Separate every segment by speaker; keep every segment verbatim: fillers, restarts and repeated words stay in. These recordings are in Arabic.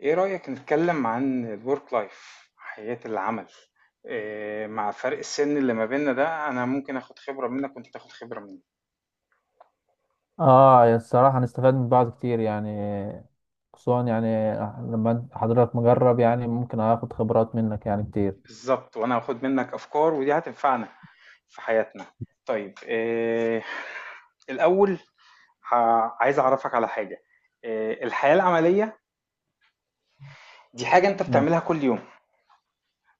Speaker 1: إيه رأيك نتكلم عن الورك لايف حياة العمل؟ إيه مع فرق السن اللي ما بيننا ده، أنا ممكن آخد خبرة منك وأنت تاخد خبرة مني.
Speaker 2: اه يا الصراحة هنستفاد من بعض كتير يعني. خصوصا يعني لما أنت- حضرتك مجرب يعني ممكن اخد خبرات منك يعني كتير.
Speaker 1: بالظبط، وأنا هاخد منك أفكار ودي هتنفعنا في حياتنا. طيب، إيه الأول، ه- عايز أعرفك على حاجة. إيه الحياة العملية؟ دي حاجة أنت
Speaker 2: مم.
Speaker 1: بتعملها كل يوم،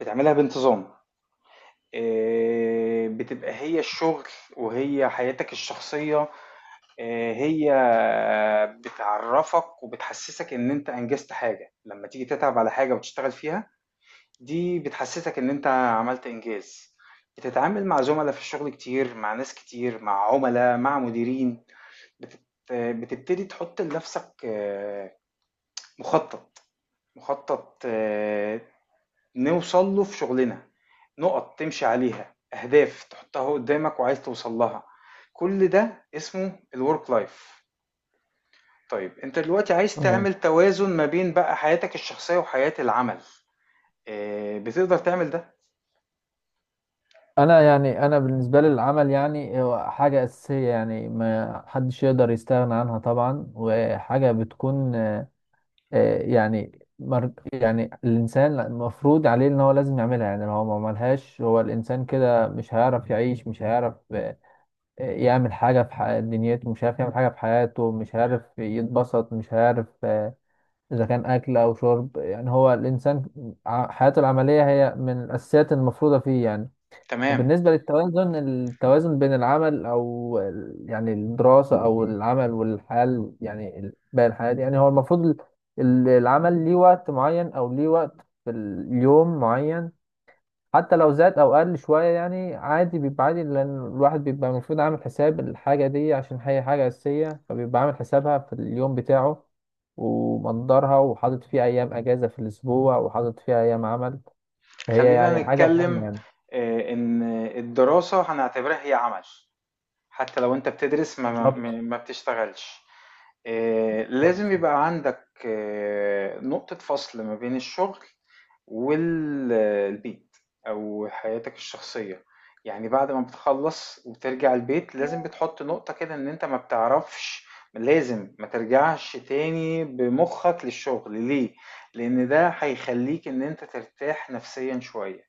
Speaker 1: بتعملها بانتظام. إيه، بتبقى هي الشغل وهي حياتك الشخصية. آه، هي بتعرفك وبتحسسك ان انت انجزت حاجة. لما تيجي تتعب على حاجة وتشتغل فيها، دي بتحسسك ان انت عملت انجاز. بتتعامل مع زملاء في الشغل كتير، مع ناس كتير، مع عملاء، مع مديرين. بتت... بتبتدي تحط لنفسك آه، مخطط، مخطط آه، نوصل له في شغلنا، نقط تمشي عليها، اهداف تحطها قدامك وعايز توصل لها. كل ده اسمه الورك لايف. طيب، أنت دلوقتي عايز
Speaker 2: تمام.
Speaker 1: تعمل توازن ما بين بقى حياتك الشخصية وحياة العمل، آآ بتقدر تعمل ده؟
Speaker 2: انا يعني انا بالنسبة لي العمل يعني هو حاجة اساسية يعني ما حدش يقدر يستغنى عنها طبعا وحاجة بتكون آه، يعني مر... يعني الانسان المفروض عليه ان هو لازم يعملها، يعني لو هو ما عملهاش هو الانسان كده مش هيعرف يعيش، مش هيعرف يعمل حاجة في ح- دنيته، مش عارف يعمل حاجة في حياته، مش عارف يتبسط، مش عارف آه، إذا كان أكل أو شرب، يعني هو الإنسان ع- حياته العملية هي من الأساسيات المفروضة فيه يعني.
Speaker 1: تمام.
Speaker 2: وبالنسبة للتوازن، التوازن بين العمل أو ال- يعني الدراسة أو العمل والحياة ال- يعني ال- باقي الحياة دي. يعني هو المفروض ال- ال- العمل ليه وقت معين أو ليه وقت في اليوم معين، حتى لو زاد او قل شويه يعني عادي، بيبقى عادي لان الواحد بيبقى المفروض عامل حساب الحاجه دي عشان هي حاجه اساسيه، فبيبقى عامل حسابها في اليوم بتاعه ومقدرها وحاطط فيه ايام اجازه في الاسبوع وحاطط فيها ايام عمل، فهي يعني
Speaker 1: خلّينا
Speaker 2: حاجه مهمه
Speaker 1: نتكلم
Speaker 2: يعني.
Speaker 1: آآ إن الدراسة هنعتبرها هي عمل، حتى لو أنت بتدرس ما ما ما
Speaker 2: بالظبط.
Speaker 1: ما بتشتغلش. آآ
Speaker 2: بالظبط.
Speaker 1: لازم يبقى عندك آه، نقطة فصل ما بين الشغل والبيت او حياتك الشخصية. يعني بعد ما بتخلص وبترجع البيت، لازم بتحط نقطة كده ان انت ما بتعرفش، لازم ما ترجعش تاني بمخك للشغل. ليه؟ لان ده هيخليك ان انت ترتاح نفسيا شوية.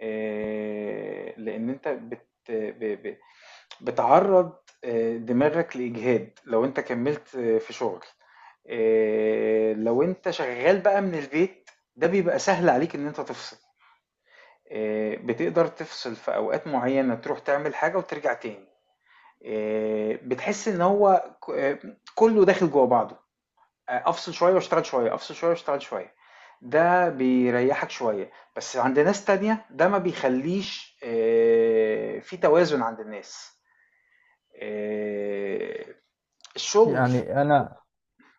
Speaker 1: إيه، لان انت بت... ب... ب... بتعرض آه، دماغك لإجهاد لو انت كملت آه، في شغل. آه، لو انت شغال بقى من البيت، ده بيبقى سهل عليك ان انت تفصل. آه، بتقدر تفصل في اوقات معينة، تروح تعمل حاجة وترجع تاني. آه، بتحس ان هو ك- آه، كله داخل جوه بعضه. آه، افصل شوية واشتغل شوية، افصل شوية واشتغل شوية، ده بيريحك شوية. بس عند ناس تانية ده ما بيخليش آه، في توازن عند الناس. آه، الشغل
Speaker 2: يعني انا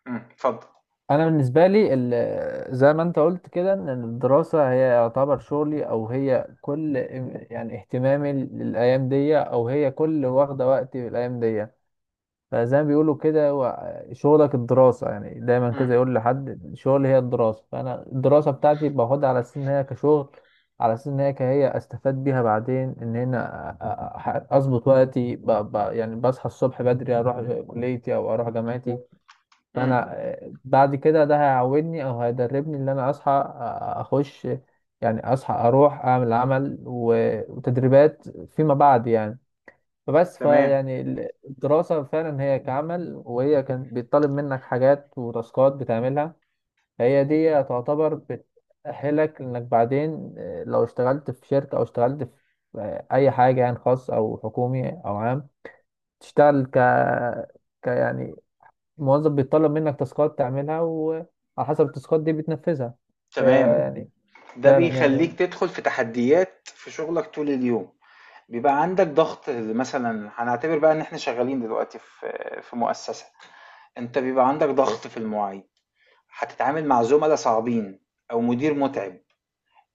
Speaker 1: امم، اتفضل.
Speaker 2: انا بالنسبه لي ال- زي ما انت قلت كده ان الدراسه هي يعتبر شغلي، او هي كل ام- يعني اهتمامي للايام دي، او هي كل واخده وقتي في الايام دي. فزي ما بيقولوا كده هو شغلك الدراسة، يعني دايما
Speaker 1: امم،
Speaker 2: كده يقول لحد الشغل هي الدراسة. فأنا الدراسة بتاعتي باخدها على أساس إن هي كشغل، على أساس إن هي كهي أستفاد بيها بعدين، إن هنا أ- أ- أ- أظبط وقتي ب... ب... يعني بصحى الصبح بدري، أروح كليتي أو أروح جامعتي.
Speaker 1: امم،
Speaker 2: فأنا آه، بعد كده ده هيعودني أو هيدربني إن أنا أصحى آه، أخش، يعني أصحى أروح أعمل عمل و... وتدريبات فيما بعد يعني. فبس
Speaker 1: تمام،
Speaker 2: فيعني ال- الدراسة فعلا هي كعمل، وهي كان بيطلب منك حاجات وتاسكات بتعملها. هي دي تعتبر بتأهلك إنك بعدين آه، لو اشتغلت في شركة أو اشتغلت في آه، أي حاجة يعني، خاص أو حكومي أو عام، تشتغل ك... ك يعني موظف بيطلب منك تاسكات تعملها، وعلى حسب التاسكات دي بتنفذها. هي
Speaker 1: تمام.
Speaker 2: يعني.
Speaker 1: ده
Speaker 2: فعلا يعني.
Speaker 1: بيخلّيك تدخل في تحديات في شغلك طول اليوم، بيبقى عندك ضغط. مثلًا هنعتبر بقى إن إحنا شغالين دلوقتي في في مؤسسة، أنت بيبقى عندك ضغط في المواعيد، هتتعامل مع زملا صعبين أو مدير متعب،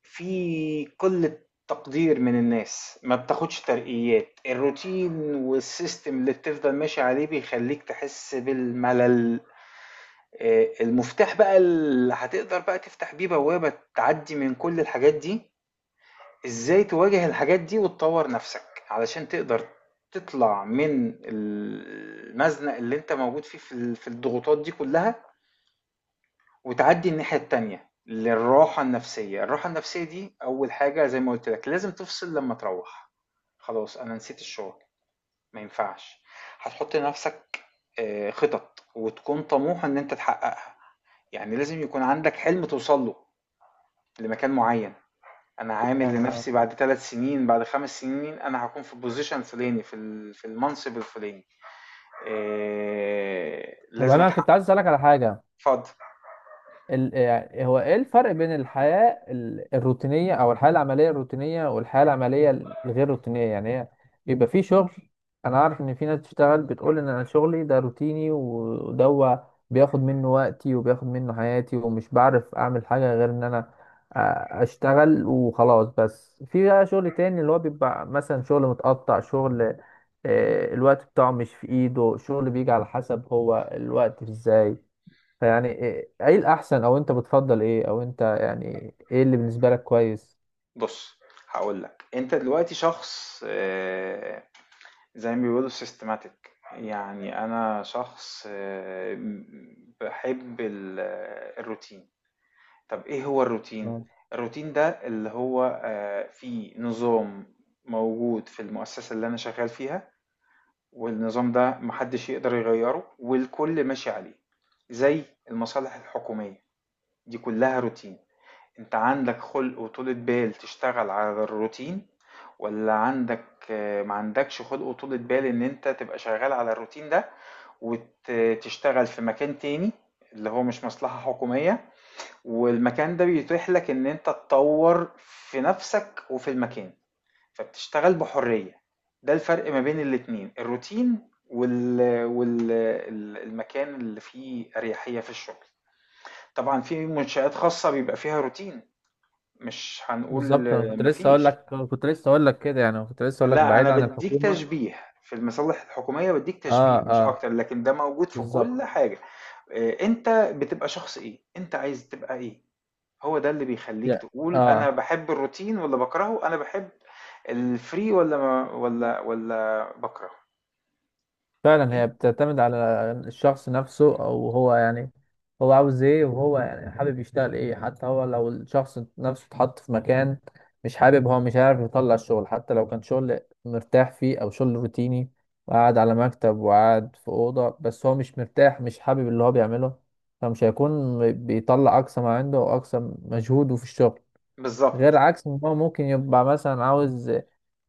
Speaker 1: في قلة تقدير من الناس، ما بتاخدش ترقيات، الروتين والسيستم اللي بتفضل ماشي عليه بيخلّيك تحس بالملل. آه، المفتاح بقى اللي هتقدر بقى تفتح بيه بوابة تعدي من كل الحاجات دي، ازاي تواجه الحاجات دي وتطور نفسك علشان تقدر تطلع من المزنق اللي انت موجود فيه في ال- في الضغوطات دي كلها، وتعدي الناحية التانية للراحة النفسية. الراحة النفسية دي أول حاجة، زي ما قلت لك لازم تفصل لما تروح. خلاص أنا نسيت الشغل، ما ينفعش. هتحط لنفسك آه، خطط وتكون طموح إن أنت تحققها. يعني لازم يكون عندك حلم توصل له لمكان معين. انا عامل
Speaker 2: فعلا
Speaker 1: لنفسي
Speaker 2: آه.
Speaker 1: بعد ثلاث سنين، بعد خمس سنين، انا هكون في البوزيشن الفلاني في ال- في المنصب الفلاني. إيه
Speaker 2: طب
Speaker 1: لازم
Speaker 2: أنا كنت
Speaker 1: اتحقق.
Speaker 2: عايز أسألك على حاجة.
Speaker 1: اتفضل.
Speaker 2: ال... يعني هو ايه الفرق بين الحياة ال- الروتينية او الحياة العملية الروتينية والحياة العملية الغير روتينية؟ يعني هي بيبقى في شغل، انا عارف ان في ناس بتشتغل بتقول ان انا شغلي ده روتيني، و- وده هو بياخد منه وقتي وبياخد منه حياتي ومش بعرف اعمل حاجة غير ان انا آ- اشتغل وخلاص. بس في بقى شغل تاني اللي هو بيبقى مثلا شغل متقطع، شغل آه، الوقت بتاعه مش في ايده، شغل بيجي على حسب هو الوقت ازاي. فيعني ايه، إيه الاحسن او انت بتفضل ايه، او انت يعني ايه اللي بالنسبه لك كويس؟
Speaker 1: بص، هقول لك. انت دلوقتي شخص إيه؟ زي ما بيقولوا سيستماتيك. يعني انا شخص إيه؟ بحب ال- آه، الروتين. طب إيه هو الروتين؟
Speaker 2: آه.
Speaker 1: الروتين ده اللي هو آه، فيه نظام موجود في المؤسسة اللي أنا شغال فيها، والنظام ده محدش يقدر يغيره والكل ماشي عليه. زي المصالح الحكومية، دي كلها روتين. أنت عندك خلق وطولة بال تشتغل على الروتين، ولا عندك آه، ما عندكش خلق وطولة بال إن أنت تبقى شغال على الروتين ده، وتشتغل في مكان تاني اللي هو مش مصلحة حكومية، والمكان ده بيتيح لك ان انت تطور في نفسك وفي المكان، فبتشتغل بحرية. ده الفرق ما بين الاتنين: الروتين وال... وال... ال- المكان اللي فيه أريحية في الشغل. طبعا في منشآت خاصة بيبقى فيها روتين، مش هنقول
Speaker 2: بالظبط. انا
Speaker 1: آه،
Speaker 2: كنت لسه اقول
Speaker 1: مفيش.
Speaker 2: لك كنت لسه اقول لك كده يعني كنت لسه اقول لك
Speaker 1: لا،
Speaker 2: بعيد
Speaker 1: أنا
Speaker 2: عن
Speaker 1: بديك
Speaker 2: الحكومه.
Speaker 1: تشبيه في المصالح الحكومية، بديك
Speaker 2: اه
Speaker 1: تشبيه مش
Speaker 2: اه
Speaker 1: أكتر، لكن ده موجود في كل
Speaker 2: بالظبط.
Speaker 1: حاجة. آه، أنت بتبقى شخص إيه، أنت عايز تبقى إيه؟ هو ده اللي بيخلّيك
Speaker 2: يعني
Speaker 1: تقول أنا
Speaker 2: اه
Speaker 1: باحب الروتين والّا باكرهه، أنا باحب الfree والّا ما والّا والّا باكرهه.
Speaker 2: فعلا
Speaker 1: أن
Speaker 2: هي بتعتمد على الشخص نفسه، او هو يعني هو عاوز ايه، وهو يعني حابب يشتغل ايه. حتى هو لو الشخص نفسه اتحط في مكان مش حابب، هو مش عارف يطلع الشغل. حتى لو كان شغل مرتاح فيه او شغل روتيني وقاعد على مكتب وقاعد في أوضة، بس هو مش مرتاح مش حابب اللي هو بيعمله، فمش هيكون بيطلع أقصى ما عنده وأقصى مجهوده في الشغل.
Speaker 1: بالضبط،
Speaker 2: غير عكس ما هو ممكن يبقى مثلا عاوز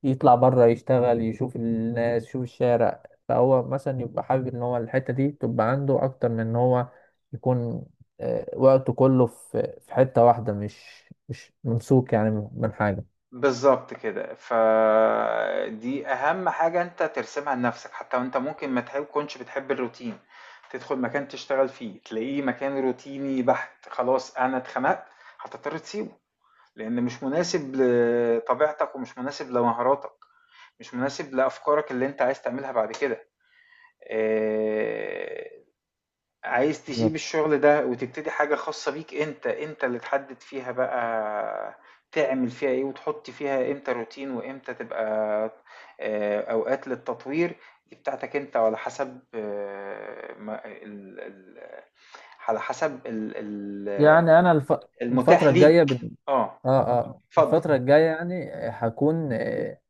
Speaker 2: يطلع بره يشتغل يشوف الناس يشوف الشارع، فهو مثلا يبقى حابب ان هو الحتة دي تبقى عنده اكتر من ان هو يكون آه، وقته كله في في حتة واحدة، مش مش ممسوك يعني من من حاجة.
Speaker 1: بالضبط كده. فدي أهم حاجة أنت ترسمها لنفسك. حتى وأنت ممكن ما تكونش بتحب الروتين، تدخل مكان تشتغل فيه، تلاقيه مكان روتيني بحت، خلاص أنا اتخنقت، هتضطر تسيبه، لإن مش مناسب لطبيعتك ومش مناسب لمهاراتك، مش مناسب لأفكارك اللي أنت عايز تعملها بعد كده. آآ عايز تسيب
Speaker 2: بالظبط.
Speaker 1: الشغل ده وتبتدي حاجة خاصة بيك، انت انت اللي تحدد فيها بقى تعمل فيها ايه، وتحط فيها امتى روتين وامتى تبقى آه، اوقات للتطوير. دي بتاعتك انت، وعلى حسب آه، ما- ال- ال- على حسب ال- ال-
Speaker 2: يعني انا الف...
Speaker 1: المتاح
Speaker 2: الفترة
Speaker 1: حسب ليك.
Speaker 2: الجاية بال...
Speaker 1: اه،
Speaker 2: اه اه
Speaker 1: اتفضل.
Speaker 2: الفترة الجاية يعني آه، هكون آه،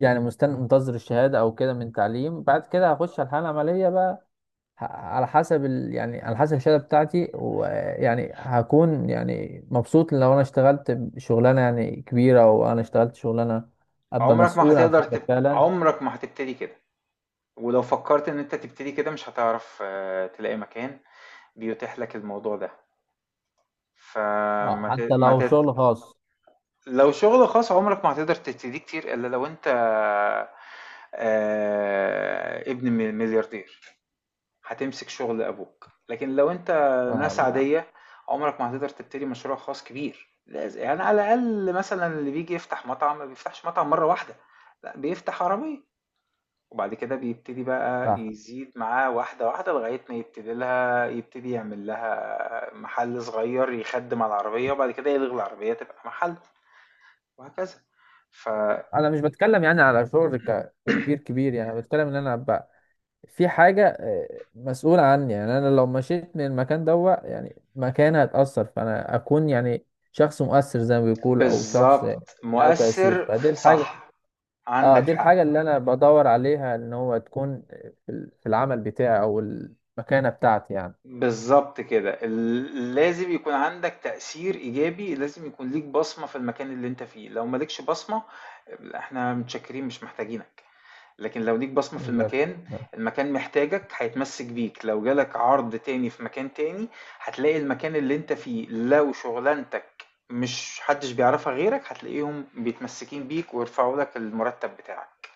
Speaker 2: يعني مستني منتظر الشهادة او كده من تعليم، بعد كده هخش على الحالة العملية بقى. ه- على حسب ال... يعني على حسب الشهاده بتاعتي. ويعني هكون يعني مبسوط لو انا اشتغلت شغلانه يعني كبيره، او انا اشتغلت شغلانه ابقى
Speaker 1: عمرك ما
Speaker 2: مسؤول عن
Speaker 1: هتقدر
Speaker 2: حاجه
Speaker 1: تب...
Speaker 2: فعلا.
Speaker 1: عمرك ما هتبتدي كده، ولو فكرت ان انت تبتدي كده مش هتعرف آه، تلاقي مكان بيتيح لك الموضوع ده.
Speaker 2: اه
Speaker 1: فما ت...
Speaker 2: حتى
Speaker 1: ما ت...
Speaker 2: لو شغل خاص.
Speaker 1: لو شغل خاص عمرك ما هتقدر تبتديه كتير إلا لو أنت آه، ابن مل- ملياردير، هتمسك شغل أبوك. لكن لو أنت
Speaker 2: اه
Speaker 1: ناس
Speaker 2: لا
Speaker 1: عادية، عمرك ما هتقدر تبتدي مشروع خاص كبير. لاز- يعني على الأقل مثلا اللي بيجي يفتح مطعم ما بيفتحش مطعم مرة واحدة. لا، بيفتح عربية، وبعد كده بيبتدي بقى
Speaker 2: صح.
Speaker 1: يزيد معاه واحدة واحدة لغاية ما يبتدي لها، يبتدي يعمل لها محل صغير يخدم على العربية، وبعد كده يلغي العربية تبقى محل، وهكذا. ف
Speaker 2: انا مش بتكلم يعني على شغل ك... كبير كبير، يعني بتكلم ان انا ابقى في حاجه آه، مسؤول عني. يعني انا لو مشيت من المكان دوا يعني مكان هتاثر، فانا اكون يعني شخص مؤثر زي ما بيقول، او شخص
Speaker 1: بالظبط
Speaker 2: له تاثير،
Speaker 1: مؤثر
Speaker 2: فدي
Speaker 1: ف-
Speaker 2: الحاجه.
Speaker 1: صح.
Speaker 2: اه
Speaker 1: عندك
Speaker 2: دي
Speaker 1: حق.
Speaker 2: الحاجة اللي انا بدور عليها، ان هو تكون في ال- في العمل بتاعي او المكانة بتاعتي يعني.
Speaker 1: بالظبط كده. ال- لازم يكون عندك تأثير إيجابي، لازم يكون ليك بصمة في المكان اللي أنت فيه. لو مالكش بصمة، إحنا متشكرين مش محتاجينك. لكن لو ليك بصمة في
Speaker 2: بالظبط
Speaker 1: المكان، المكان محتاجك، هيتمسك بيك. لو جالك عرض تاني في مكان تاني، هتلاقي المكان اللي أنت فيه لو شغلانتك مش حدش بيعرفها غيرك، هتلاقيهم بيتمسكين بيك ويرفعوا لك المرتب بتاعك.